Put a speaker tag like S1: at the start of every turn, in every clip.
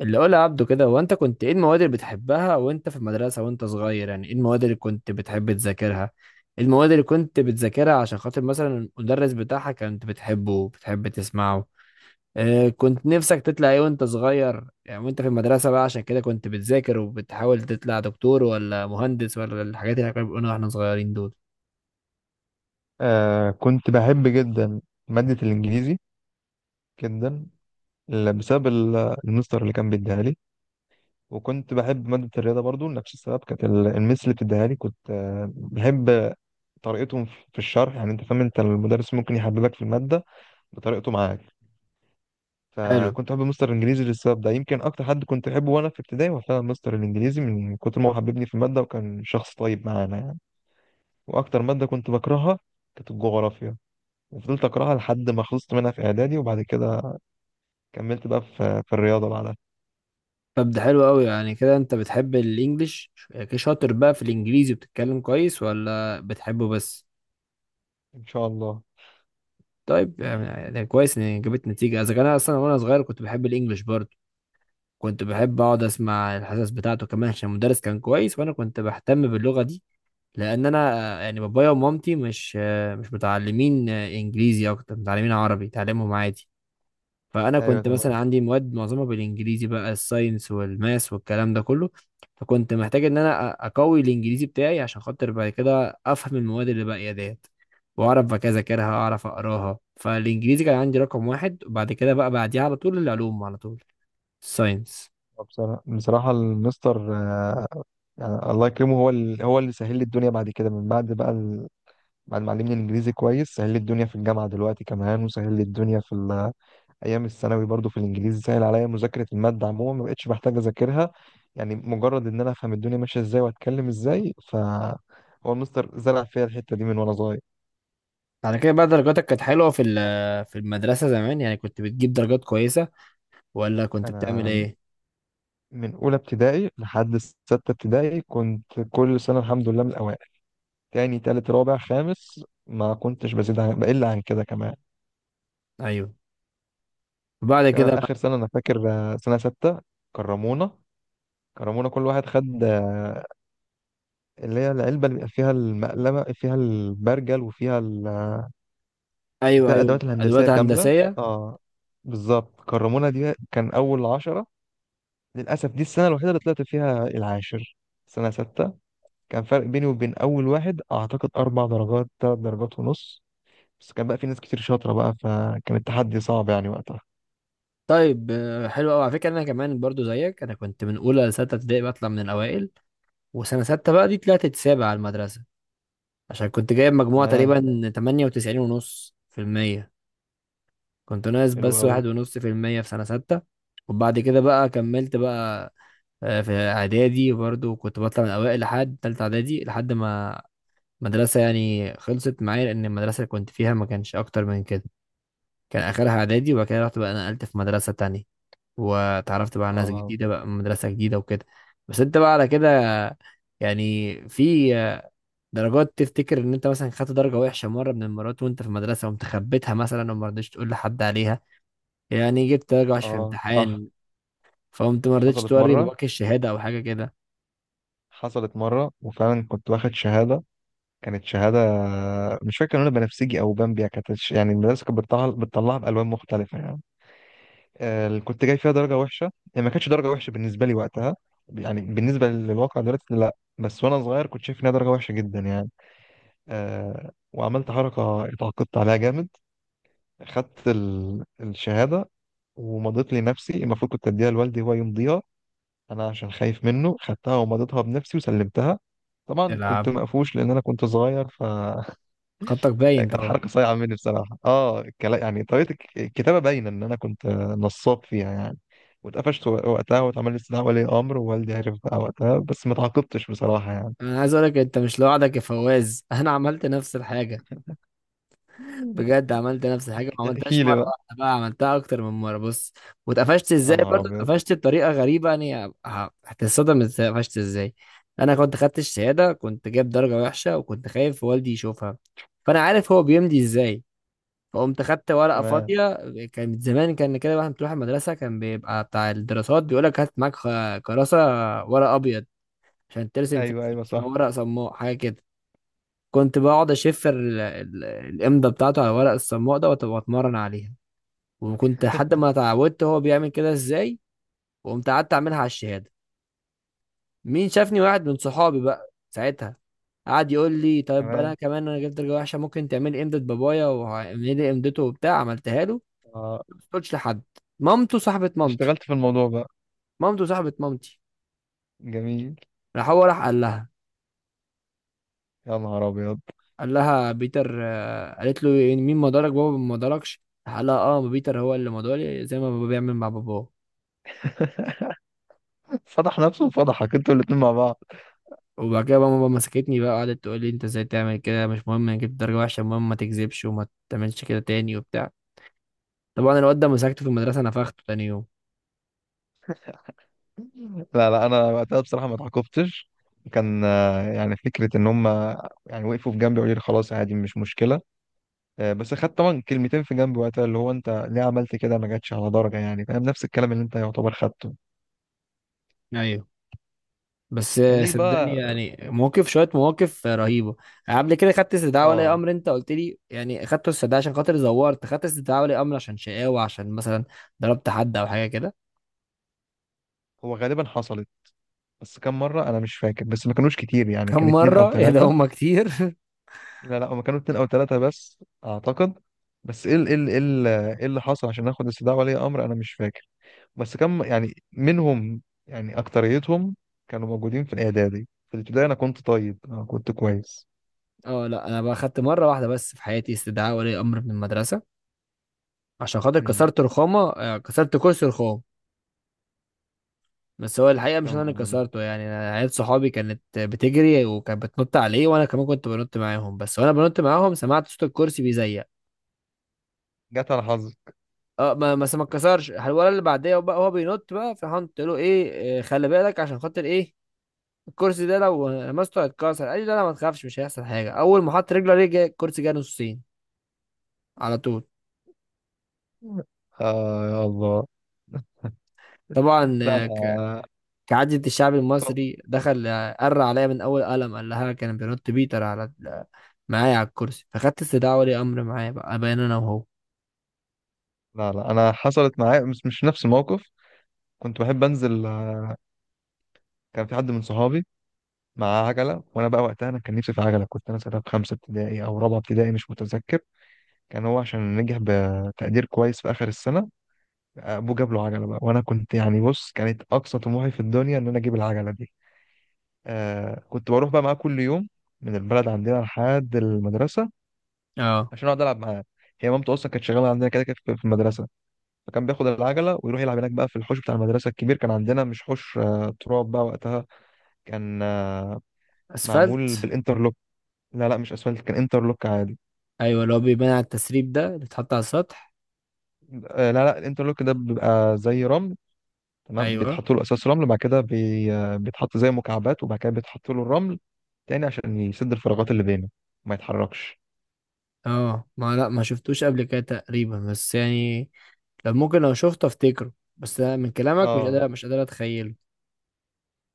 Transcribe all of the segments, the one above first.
S1: اللي قولها عبده كده هو انت كنت ايه المواد اللي بتحبها وانت في المدرسة وانت صغير، يعني ايه المواد اللي كنت بتحب تذاكرها؟ ايه المواد اللي كنت بتذاكرها عشان خاطر مثلا المدرس بتاعها كنت بتحبه بتحب تسمعه؟ اه، كنت نفسك تطلع ايه وانت صغير، يعني وانت في المدرسة بقى، عشان كده كنت بتذاكر وبتحاول تطلع دكتور ولا مهندس ولا الحاجات اللي كانوا بيقولونا واحنا صغيرين دول؟
S2: كنت بحب جدا مادة الإنجليزي جدا، بسبب المستر اللي كان بيديها لي. وكنت بحب مادة الرياضة برضو لنفس السبب، كانت المس اللي بتديها لي كنت بحب طريقتهم في الشرح. يعني أنت فاهم، أنت المدرس ممكن يحببك في المادة بطريقته معاك.
S1: حلو.
S2: فكنت بحب مستر الإنجليزي للسبب ده. يمكن أكتر حد كنت أحبه وأنا في ابتدائي هو فعلا مستر الإنجليزي، من كتر ما هو حببني في المادة وكان شخص طيب معانا يعني. وأكتر مادة كنت بكرهها كانت الجغرافيا، وفضلت أكرهها لحد ما خلصت منها في إعدادي. وبعد كده كملت بقى في الرياضة بعدها.
S1: طب ده حلو قوي، يعني كده انت بتحب الانجليش. شاطر بقى في الانجليزي بتتكلم كويس ولا بتحبه بس؟
S2: ان شاء الله.
S1: طيب، يعني ده كويس ان جابت نتيجه، اذا كان أنا اصلا وانا صغير كنت بحب الانجليش برضه. كنت بحب اقعد اسمع الحصص بتاعته كمان عشان المدرس كان كويس وانا كنت بهتم باللغه دي. لان انا، يعني بابايا ومامتي مش متعلمين انجليزي، اكتر متعلمين عربي تعلمهم عادي. فانا
S2: ايوه،
S1: كنت مثلا
S2: تمام.
S1: عندي مواد معظمها بالانجليزي بقى، الساينس والماس والكلام ده كله. فكنت محتاج ان انا اقوي الانجليزي بتاعي عشان خاطر بعد كده افهم المواد اللي باقيه ديت. واعرف بقى اذاكرها، اعرف اقراها، فالانجليزي كان عندي رقم واحد، وبعد كده بقى بعديها على طول العلوم على طول. الساينس.
S2: بصراحة بصراحة المستر، يعني الله يكرمه، هو هو اللي سهل لي الدنيا بعد كده، من بعد بقى بعد ما علمني الانجليزي كويس سهل لي الدنيا في الجامعة دلوقتي كمان، وسهل لي الدنيا في ايام الثانوي. برضو في الانجليزي سهل عليا مذاكرة المادة عموما، ما بقتش محتاج اذاكرها. يعني مجرد ان انا افهم الدنيا ماشية ازاي واتكلم ازاي، ف هو المستر زرع فيا الحتة دي من وانا صغير.
S1: بعد كده بقى درجاتك كانت حلوة في المدرسة زمان، يعني كنت بتجيب درجات كويسة ولا كنت بتعمل
S2: انا
S1: ايه؟
S2: من اولى ابتدائي لحد سته ابتدائي كنت كل سنه الحمد لله من الاوائل. تاني، تالت، رابع، خامس، ما كنتش بزيد عن بقل عن كده كمان.
S1: ايوه. وبعد
S2: تمام.
S1: كده بقى.
S2: اخر سنه انا فاكر، سنه سته، كرمونا. كرمونا كل واحد خد اللي هي العلبه اللي بيبقى فيها المقلمه، فيها البرجل وفيها
S1: ايوه،
S2: وفيها
S1: ايوه،
S2: الادوات الهندسيه
S1: ادوات
S2: كامله.
S1: هندسية.
S2: اه، بالظبط. كرمونا دي كان اول عشرة. للاسف دي السنه الوحيده اللي طلعت فيها العاشر، سنه سته. كان فرق بيني وبين اول واحد اعتقد 4 درجات، 3 درجات ونص. بس كان بقى في ناس كتير شاطره بقى، فكان التحدي صعب يعني وقتها.
S1: طيب، حلو قوي. على فكره انا كمان برضو زيك، انا كنت من اولى لسته ابتدائي بطلع من الاوائل. وسنه سته بقى دي طلعت السابع على المدرسه، عشان كنت جايب مجموعه
S2: تمام.
S1: تقريبا 98 ونص في المية. كنت ناقص
S2: حلو
S1: بس واحد
S2: قوي.
S1: ونص في المية في سنه سته. وبعد كده بقى كملت بقى. في اعدادي برضو كنت بطلع من الاوائل لحد تالتة اعدادي، لحد ما مدرسة يعني خلصت معايا، لأن المدرسة اللي كنت فيها ما كانش أكتر من كده. كان آخرها إعدادي، وبعد كده رحت بقى نقلت في مدرسة تانية، واتعرفت بقى على ناس
S2: اه.
S1: جديدة بقى من مدرسة جديدة وكده. بس انت بقى على كده، يعني في درجات تفتكر ان انت مثلا خدت درجة وحشة مرة من المرات وانت في المدرسة وقمت خبيتها مثلا وما رضيتش تقول لحد عليها؟ يعني جبت درجة وحشة في
S2: اه صح.
S1: امتحان، فقمت ما رضيتش
S2: حصلت
S1: توري
S2: مره.
S1: باباك الشهادة او حاجة كده؟
S2: وفعلا كنت واخد شهاده. كانت شهاده مش فاكر كان لونها بنفسجي او بامبيا. كانت يعني المدرسه كانت بتطلعها بالوان مختلفه يعني. آه اللي كنت جاي فيها درجه وحشه، يعني ما كانتش درجه وحشه بالنسبه لي وقتها. يعني بالنسبه للواقع دلوقتي لا، بس وانا صغير كنت شايف انها درجه وحشه جدا يعني. آه، وعملت حركة اتعاقدت عليها جامد. خدت الشهادة ومضيت لنفسي. المفروض كنت أديها لوالدي هو يمضيها، أنا عشان خايف منه خدتها ومضيتها بنفسي وسلمتها. طبعا كنت
S1: تلعب.
S2: مقفوش لأن أنا كنت صغير، فكانت
S1: خطك باين طبعا.
S2: حركة صايعة مني بصراحة. اه يعني طريقة الكتابة باينة إن أنا كنت نصاب فيها يعني. واتقفشت وقتها واتعمل لي استدعاء ولي امر ووالدي عرف بقى وقتها، بس ما تعاقبتش بصراحه يعني.
S1: انا عايز اقولك انت مش لوحدك يا فواز. انا عملت نفس الحاجة. بجد عملت نفس الحاجه، ما
S2: احكي
S1: عملتهاش
S2: لي
S1: مره
S2: بقى.
S1: واحده بقى، عملتها اكتر من مره. بص، واتقفشت
S2: يا
S1: ازاي
S2: نهار
S1: برضه؟
S2: ابيض.
S1: اتقفشت بطريقه غريبه، يعني هتتصدم اتقفشت ازاي. انا كنت خدت الشهاده، كنت جايب درجه وحشه، وكنت خايف والدي يشوفها. فانا عارف هو بيمضي ازاي، فقمت خدت ورقه
S2: تمام.
S1: فاضيه. كان زمان كان كده، واحد بتروح المدرسه كان بيبقى بتاع الدراسات بيقول لك هات معاك كراسه، ورق ابيض عشان ترسم فيه،
S2: ايوه، ايوه،
S1: اسمه
S2: صح.
S1: ورق صماء حاجه كده. كنت بقعد اشف الامضه بتاعته على ورق الصماء ده، واتمرن عليها، وكنت لحد ما اتعودت هو بيعمل كده ازاي. وقمت قعدت اعملها على الشهاده. مين شافني؟ واحد من صحابي بقى ساعتها، قعد يقول لي طيب انا
S2: تمام.
S1: كمان انا جبت درجه وحشه، ممكن تعملي امضه بابايا واعملي لي امضته وبتاع. عملتها له،
S2: آه،
S1: ما قلتش لحد. مامته صاحبه مامتي.
S2: اشتغلت في الموضوع بقى.
S1: مامته صاحبه مامتي.
S2: جميل.
S1: راح، هو راح قال لها،
S2: يا نهار ابيض.
S1: قال لها بيتر، قالت له إيه، مين مدارك؟ بابا ما مداركش. راح قال لها اه بيتر هو اللي مداري زي ما بابا بيعمل مع باباه.
S2: فضح نفسه وفضحك انتوا الاتنين مع بعض.
S1: وبعد كده بقى ماما مسكتني بقى، قعدت تقول لي انت ازاي تعمل كده؟ مش مهم نجيب درجة وحشة، المهم ما تكذبش وما تعملش كده تاني وبتاع. طبعا الواد ده مسكته في المدرسة نفخته تاني يوم.
S2: لا لا انا وقتها بصراحه ما اتعاقبتش. كان يعني فكره ان هم، يعني وقفوا في جنبي وقالوا لي خلاص عادي مش مشكله. بس خدت طبعا كلمتين في جنبي وقتها، اللي هو انت ليه عملت كده؟ ما جاتش على درجه يعني. فاهم؟ نفس الكلام اللي انت يعتبر خدته.
S1: ايوه. بس
S2: كان ليك
S1: صدقني،
S2: بقى.
S1: يعني شوية مواقف رهيبة. قبل كده خدت استدعاء ولي
S2: اه.
S1: أمر، أنت قلت لي يعني خدت استدعاء عشان خاطر زورت، خدت استدعاء ولي أمر عشان شقاوة، عشان مثلا ضربت حد أو حاجة كده؟
S2: هو غالبا حصلت بس كم مره انا مش فاكر، بس ما كانوش كتير، يعني كان
S1: كم
S2: اتنين او
S1: مرة؟ يا ده
S2: تلاته.
S1: هما كتير.
S2: لا لا هما كانوا اتنين او تلاتة بس اعتقد. بس ايه ايه اللي حصل عشان اخد استدعاء ولي امر انا مش فاكر، بس كم يعني منهم. يعني اكتريتهم كانوا موجودين في الاعدادي، في الابتدائي انا كنت طيب، انا كنت كويس.
S1: اه، لا، أنا بقى خدت مرة واحدة بس في حياتي استدعاء ولي أمر من المدرسة، عشان خاطر
S2: امم،
S1: كسرت كرسي رخام. بس هو الحقيقة مش
S2: يا
S1: أنا اللي
S2: نهار أبيض.
S1: كسرته، يعني أنا عيال صحابي كانت بتجري وكانت بتنط عليه، وأنا كمان كنت بنط معاهم، بس وأنا بنط معاهم سمعت صوت الكرسي بيزيق.
S2: جت على حظي.
S1: اه، ما اتكسرش. الولد اللي بعديه بقى هو بينط بقى، فراح قلت له ايه، خلي بالك، عشان خاطر ايه، الكرسي ده لو لمسته هيتكسر. قال لي لا، لا، ما تخافش، مش هيحصل حاجة. أول ما حط رجله عليه الكرسي جه نصين على طول.
S2: آه يا الله.
S1: طبعا
S2: لا انا.
S1: كعادة الشعب المصري دخل، قر عليا من أول قلم، قال لها كان بينط بيتر على معايا على الكرسي، فخدت استدعاء ولي امر معايا بقى ابان انا وهو.
S2: لا لا انا حصلت معايا، مش مش نفس الموقف. كنت بحب انزل، كان في حد من صحابي معاه عجله، وانا بقى وقتها انا كان نفسي في عجله. كنت انا ساعتها في خمسه ابتدائي او رابعه ابتدائي مش متذكر. كان هو عشان نجح بتقدير كويس في اخر السنه ابوه جاب له عجله بقى. وانا كنت يعني بص كانت اقصى طموحي في الدنيا ان انا اجيب العجله دي. آه كنت بروح بقى معاه كل يوم من البلد عندنا لحد المدرسه
S1: اه،
S2: عشان اقعد العب معاه. هي مامته اصلا كانت شغاله عندنا كده كده في المدرسه. فكان بياخد العجله ويروح يلعب هناك بقى في الحوش بتاع المدرسه الكبير. كان عندنا مش حوش آه تراب بقى وقتها، كان آه معمول
S1: اسفلت.
S2: بالانترلوك. لا لا مش اسفلت، كان انترلوك عادي.
S1: ايوه، اللي هو بيبان على التسريب ده اللي اتحط على السطح.
S2: آه لا لا الانترلوك ده بيبقى زي رمل. تمام،
S1: ايوه.
S2: بيتحط له اساس رمل وبعد كده بي... آه، بيتحط زي مكعبات وبعد كده بيتحط له الرمل تاني عشان يسد الفراغات اللي بينه وما يتحركش.
S1: اه، ما، لا، ما شفتوش قبل كده تقريبا، بس يعني لو ممكن، لو شفته افتكره، بس انا من كلامك مش
S2: اه.
S1: قادر مش قادر اتخيله.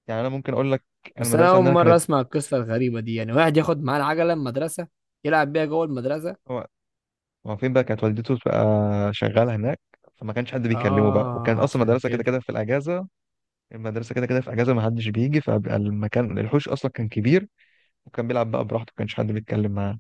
S2: يعني انا ممكن اقول لك، انا
S1: بس انا
S2: المدرسه
S1: اول
S2: عندنا
S1: مره
S2: كانت،
S1: اسمع القصه الغريبه دي، يعني واحد ياخد معاه العجله المدرسه يلعب بيها جوه المدرسه؟
S2: هو هو فين بقى كانت والدته بقى شغاله هناك، فما كانش حد بيكلمه بقى. وكان
S1: اه
S2: اصلا
S1: عشان
S2: المدرسه كده
S1: كده.
S2: كده في الاجازه، المدرسه كده كده في اجازه ما حدش بيجي، فبقى المكان الحوش اصلا كان كبير وكان بيلعب بقى براحته ما كانش حد بيتكلم معاه.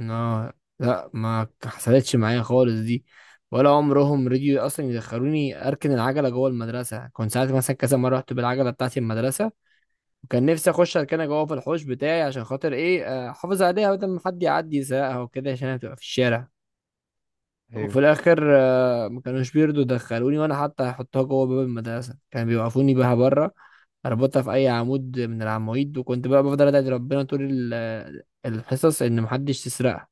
S1: اه، لا، ما حصلتش معايا خالص دي، ولا عمرهم رضيوا اصلا يدخلوني اركن العجله جوه المدرسه. كنت ساعات مثلا كذا مره رحت بالعجله بتاعتي المدرسه، وكان نفسي اخش اركنها جوه في الحوش بتاعي عشان خاطر ايه، احافظ عليها بدل ما حد يعدي يسرقها وكده، عشان هي تبقى في الشارع. وفي
S2: ايوه.
S1: الاخر ما كانوش بيرضوا يدخلوني، وانا حتى هحطها جوه باب المدرسه كانوا بيوقفوني بيها بره، اربطها في اي عمود من العواميد، وكنت بقى بفضل ادعي ربنا طول الحصص ان محدش يسرقها.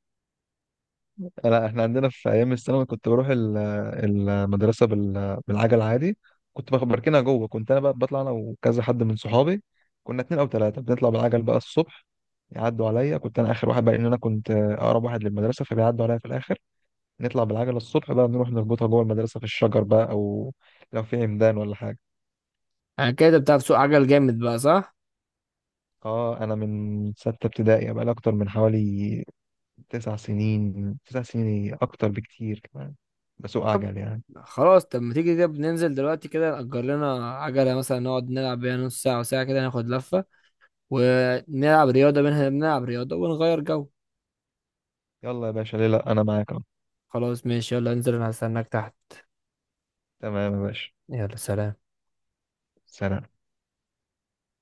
S2: لا احنا عندنا في ايام الثانوي كنت بروح المدرسه بالعجل عادي. بركنها جوه. كنت انا بقى بطلع انا وكذا حد من صحابي، كنا اتنين او تلاته بنطلع بالعجل بقى الصبح. يعدوا عليا، كنت انا اخر واحد بقى لان انا كنت اقرب واحد للمدرسه فبيعدوا عليا في الاخر. نطلع بالعجله الصبح بقى نروح نربطها جوه المدرسه في الشجر بقى، او لو في عمدان ولا حاجه.
S1: انا كده بتاع سوق عجل جامد بقى، صح؟
S2: اه انا من سته ابتدائي بقى لي اكتر من حوالي 9 سنين. إيه، اكتر بكتير كمان بسوق
S1: طب
S2: عجل يعني.
S1: خلاص، طب ما تيجي كده بننزل دلوقتي كده نأجر لنا عجلة مثلا، نقعد نلعب بيها نص ساعة وساعة، كده ناخد لفة ونلعب رياضة منها، بنلعب رياضة ونغير جو.
S2: يلا يا باشا، ليه لا، انا معاك.
S1: خلاص ماشي، يلا انزل انا هستناك تحت.
S2: تمام يا باشا.
S1: يلا سلام.
S2: سلام.